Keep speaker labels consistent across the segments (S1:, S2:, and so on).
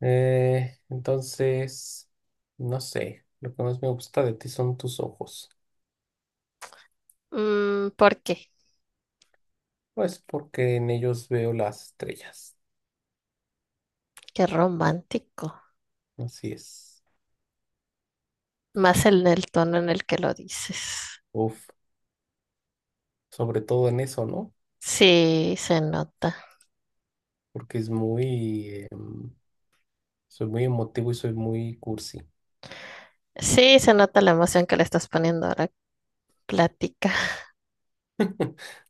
S1: Entonces, no sé, lo que más me gusta de ti son tus ojos.
S2: Mm, ¿por qué?
S1: Pues porque en ellos veo las estrellas.
S2: Qué romántico.
S1: Así es.
S2: Más en el tono en el que lo dices.
S1: Uf, sobre todo en eso, ¿no?
S2: Sí, se nota.
S1: Porque soy muy emotivo y soy muy cursi.
S2: Sí, se nota la emoción que le estás poniendo a la plática.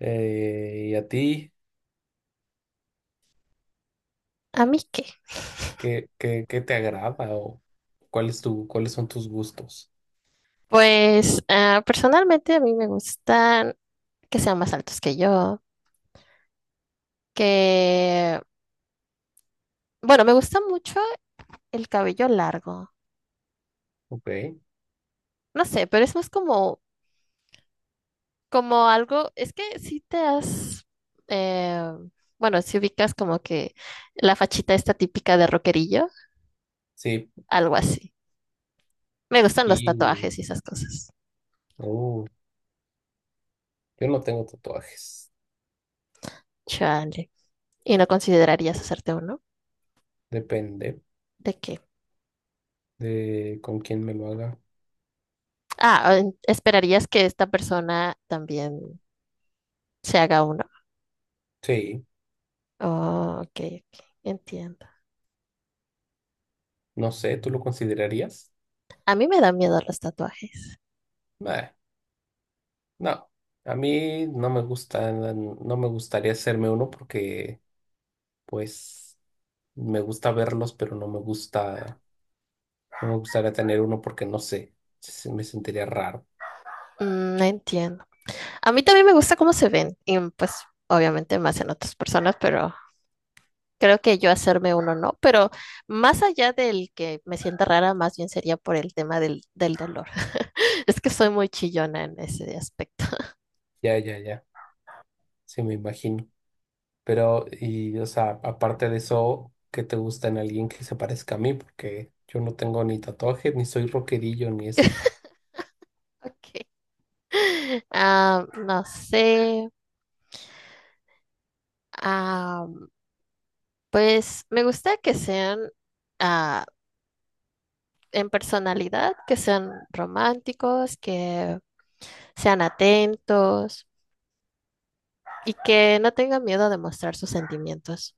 S1: ¿Y a ti
S2: ¿A mí qué?
S1: qué te agrada o cuáles son tus gustos?
S2: Pues personalmente a mí me gustan que sean más altos que yo, que, bueno, me gusta mucho el cabello largo.
S1: Ok,
S2: No sé, pero es más como algo, es que eh, bueno, si ubicas como que la fachita esta típica de rockerillo.
S1: sí,
S2: Algo así. Me gustan los
S1: y
S2: tatuajes y esas cosas.
S1: oh, yo no tengo tatuajes,
S2: Chale. ¿Y no considerarías hacerte uno?
S1: depende
S2: ¿De qué?
S1: de con quién me lo haga.
S2: Ah, ¿esperarías que esta persona también se haga uno?
S1: Sí,
S2: Oh, ok, ok, entiendo.
S1: no sé, ¿tú lo considerarías?
S2: A mí me da miedo los tatuajes.
S1: Nah, no, a mí no me gusta, no me gustaría hacerme uno porque, pues, me gusta verlos, pero no me gusta, no me gustaría tener uno porque no sé, me sentiría raro.
S2: Mm, no entiendo. A mí también me gusta cómo se ven. Y pues, obviamente, más en otras personas, pero creo que yo hacerme uno no. Pero más allá del que me sienta rara, más bien sería por el tema del dolor. Es que soy muy chillona en ese aspecto.
S1: Ya, ya, ya, sí me imagino. Pero, y, o sea, aparte de eso, ¿qué te gusta en alguien que se parezca a mí? Porque yo no tengo ni tatuaje, ni soy rockerillo, ni eso.
S2: Ok. Ah, no sé. Ah, pues me gusta que sean ah, en personalidad, que sean románticos, que sean atentos y que no tengan miedo de mostrar sus sentimientos.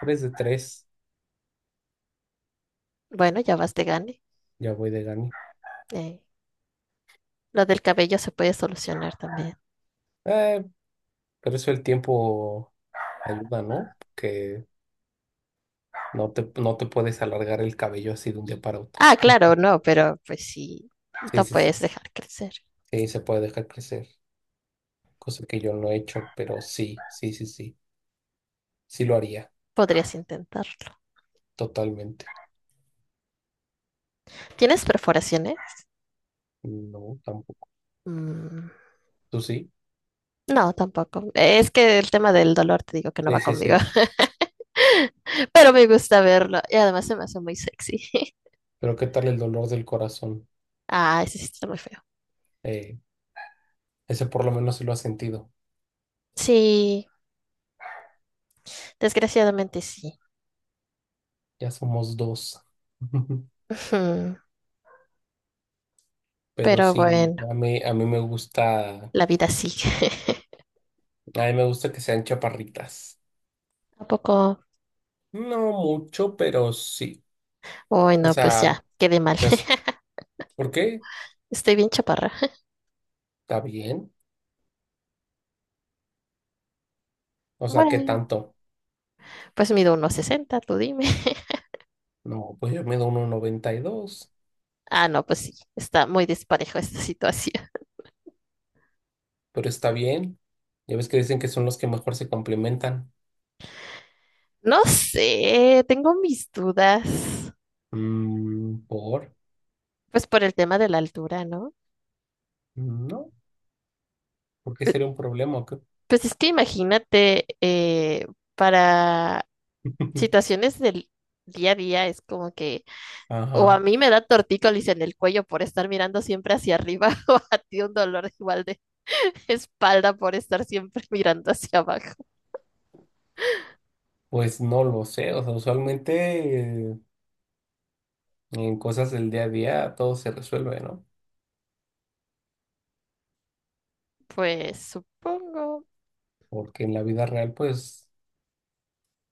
S1: Tres de tres,
S2: Bueno, ya vas de gane.
S1: ya voy de gane.
S2: Eh, lo del cabello se puede solucionar también.
S1: Eh, pero eso el tiempo. Ayuda, ¿no? Que no te puedes alargar el cabello así de un día para otro.
S2: Ah, claro, no, pero pues sí,
S1: Sí,
S2: lo
S1: sí, sí.
S2: puedes dejar crecer.
S1: Sí, se puede dejar crecer. Cosa que yo no he hecho, pero sí, sí, sí, sí. Sí lo haría,
S2: Podrías intentarlo.
S1: totalmente.
S2: ¿Tienes perforaciones?
S1: No, tampoco.
S2: Mm.
S1: ¿Tú sí?
S2: No, tampoco. Es que el tema del dolor te digo que no
S1: Sí,
S2: va
S1: sí,
S2: conmigo,
S1: sí.
S2: pero me gusta verlo y además se me hace muy sexy.
S1: Pero ¿qué tal el dolor del corazón?
S2: Ah, ese sí está muy feo.
S1: Eh, Ese por lo menos se lo ha sentido.
S2: Sí, desgraciadamente sí.
S1: Ya somos dos.
S2: Ujú.
S1: Pero
S2: Pero
S1: sí,
S2: bueno,
S1: a
S2: la vida sigue.
S1: mí me gusta que sean chaparritas.
S2: Tampoco.
S1: No mucho, pero sí.
S2: ¿Poco? Uy,
S1: O
S2: no, pues ya,
S1: sea,
S2: quedé mal.
S1: no. ¿Por qué?
S2: Estoy bien chaparra.
S1: Está bien. O sea, ¿qué
S2: Bueno,
S1: tanto?
S2: pues mido unos 60. Tú dime.
S1: No, pues yo mido 1.92,
S2: Ah, no, pues sí, está muy disparejo esta situación.
S1: pero está bien. Ya ves que dicen que son los que mejor se complementan.
S2: No sé, tengo mis dudas.
S1: Mm, ¿por?
S2: Pues por el tema de la altura, ¿no?
S1: No, ¿por qué sería un problema? ¿O qué?
S2: Pues es que imagínate, para situaciones del día a día es como que, o a
S1: Ajá.
S2: mí me da tortícolis en el cuello por estar mirando siempre hacia arriba, o a ti un dolor igual de espalda por estar siempre mirando hacia abajo.
S1: Pues no lo sé. O sea, usualmente eh, en cosas del día a día todo se resuelve, ¿no?
S2: Pues supongo,
S1: Porque en la vida real, pues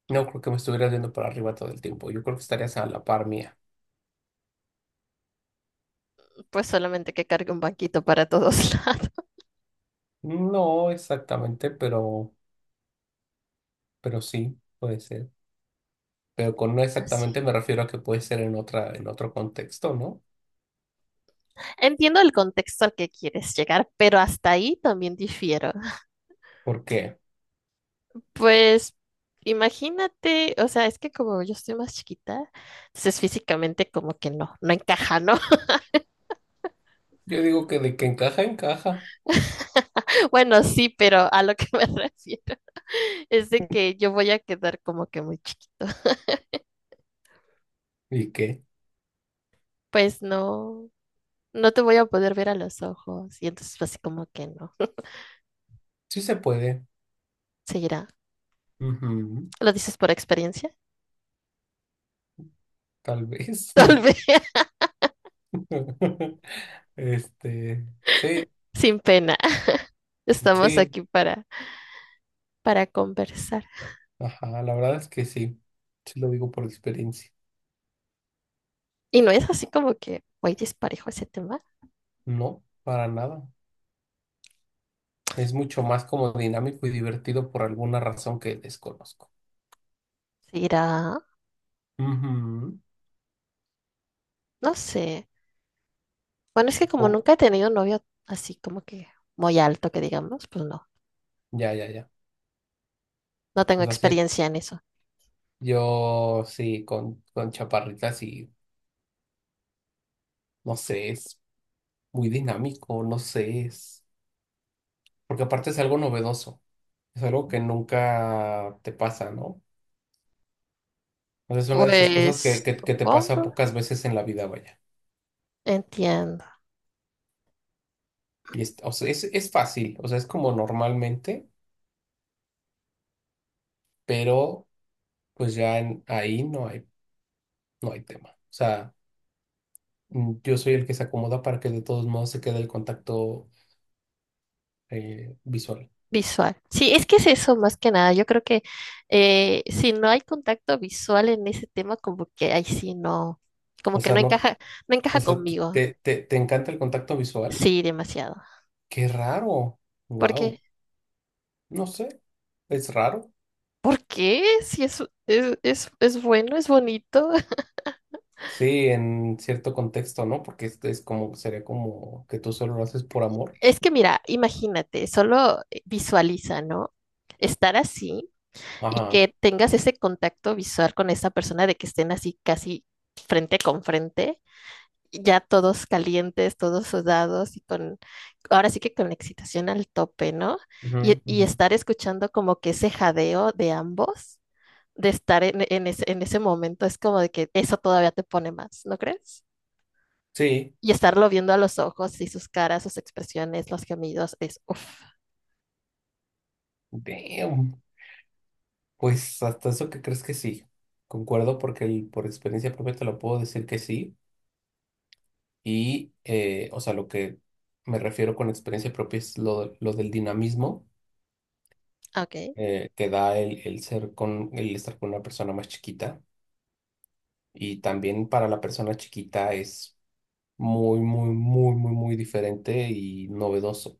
S1: no creo que me estuvieras viendo para arriba todo el tiempo. Yo creo que estarías a la par mía.
S2: pues solamente que cargue un banquito para todos
S1: No exactamente, pero sí, puede ser. Pero con no
S2: lados.
S1: exactamente me refiero a que puede ser en otro contexto, ¿no?
S2: Entiendo el contexto al que quieres llegar, pero hasta ahí también difiero.
S1: Porque
S2: Pues imagínate, o sea, es que como yo estoy más chiquita, entonces físicamente como que no encaja, ¿no?
S1: yo digo que de que encaja, encaja.
S2: Bueno, sí, pero a lo que me refiero es de que yo voy a quedar como que muy chiquito.
S1: ¿Y que?
S2: Pues no te voy a poder ver a los ojos y entonces así como que no.
S1: Sí se puede.
S2: Seguirá.
S1: Ujú,
S2: ¿Lo dices por experiencia?
S1: tal vez.
S2: Tal vez,
S1: Este, sí,
S2: sin pena. Estamos
S1: sí.
S2: aquí para conversar.
S1: Ajá, la verdad es que sí. Sí lo digo por experiencia.
S2: Y no es así como que voy disparejo ese tema.
S1: No, para nada. Es mucho más como dinámico y divertido por alguna razón que desconozco.
S2: Seguirá.
S1: Ujú.
S2: No sé. Bueno, es que como
S1: Oh,
S2: nunca he tenido un novio así como que muy alto, que digamos, pues no,
S1: ya, ya, ya.
S2: no tengo
S1: O sea, sí,
S2: experiencia en eso.
S1: yo sí, con chaparritas y no sé, es muy dinámico, no sé, es. Porque aparte es algo novedoso, es algo que nunca te pasa, ¿no? Entonces es una de esas cosas que,
S2: Pues
S1: que, que te pasa
S2: supongo,
S1: pocas veces en la vida, vaya.
S2: entiendo.
S1: Y o sea, es fácil, o sea, es como normalmente, pero pues ya ahí no hay tema. O sea, yo soy el que se acomoda para que de todos modos se quede el contacto visual.
S2: Visual. Sí, es que es eso más que nada. Yo creo que si no hay contacto visual en ese tema, como que ahí sí no, como
S1: O
S2: que
S1: sea, no,
S2: no encaja
S1: o sea,
S2: conmigo.
S1: te encanta el contacto visual.
S2: Sí, demasiado.
S1: Qué raro.
S2: Porque
S1: Wow. No sé, es raro.
S2: ¿por qué? Si es bueno, es bonito.
S1: Sí, en cierto contexto, ¿no? Porque este es como, sería como que tú solo lo haces por amor.
S2: Es que mira, imagínate, solo visualiza, ¿no? Estar así y
S1: Ajá.
S2: que tengas ese contacto visual con esa persona de que estén así casi frente con frente, ya todos calientes, todos sudados y con, ahora sí que con la excitación al tope, ¿no?
S1: Ujú,
S2: Y
S1: ujú.
S2: estar escuchando como que ese jadeo de ambos, de estar en ese momento, es como de que eso todavía te pone más, ¿no crees?
S1: Sí.
S2: Y estarlo viendo a los ojos y sus caras, sus expresiones, los gemidos, es uff.
S1: Damn. Pues hasta eso que crees que sí. Concuerdo porque por experiencia propia te lo puedo decir que sí. Y, o sea, lo que me refiero con experiencia propia es lo del dinamismo
S2: Ok,
S1: que da el el estar con una persona más chiquita. Y también para la persona chiquita es muy, muy, muy, muy, muy diferente y novedoso.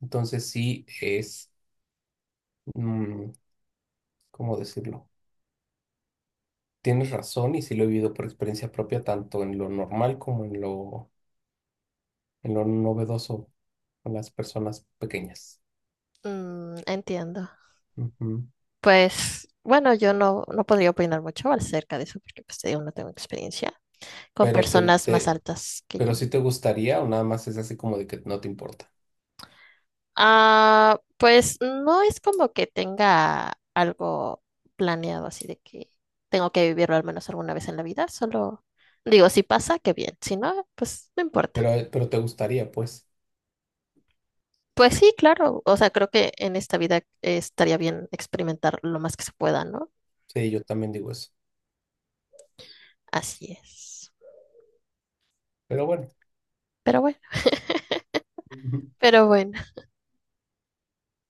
S1: Entonces sí es, mm, ¿cómo decirlo? Tienes razón y sí lo he vivido por experiencia propia, tanto en lo normal como en lo novedoso con las personas pequeñas.
S2: mm, entiendo.
S1: Ujú.
S2: Pues bueno, yo no podría opinar mucho acerca de eso porque pues te digo, no tengo experiencia con
S1: Pero te,
S2: personas más
S1: te-
S2: altas que
S1: pero
S2: yo.
S1: sí te gustaría o nada más es así como de que no te importa.
S2: Ah, pues no es como que tenga algo planeado así de que tengo que vivirlo al menos alguna vez en la vida, solo digo, si pasa, qué bien, si no, pues no importa.
S1: Pero te gustaría, pues.
S2: Pues sí, claro. O sea, creo que en esta vida estaría bien experimentar lo más que se pueda, ¿no?
S1: Sí, yo también digo eso.
S2: Así es.
S1: Pero bueno.
S2: Pero bueno, pero bueno.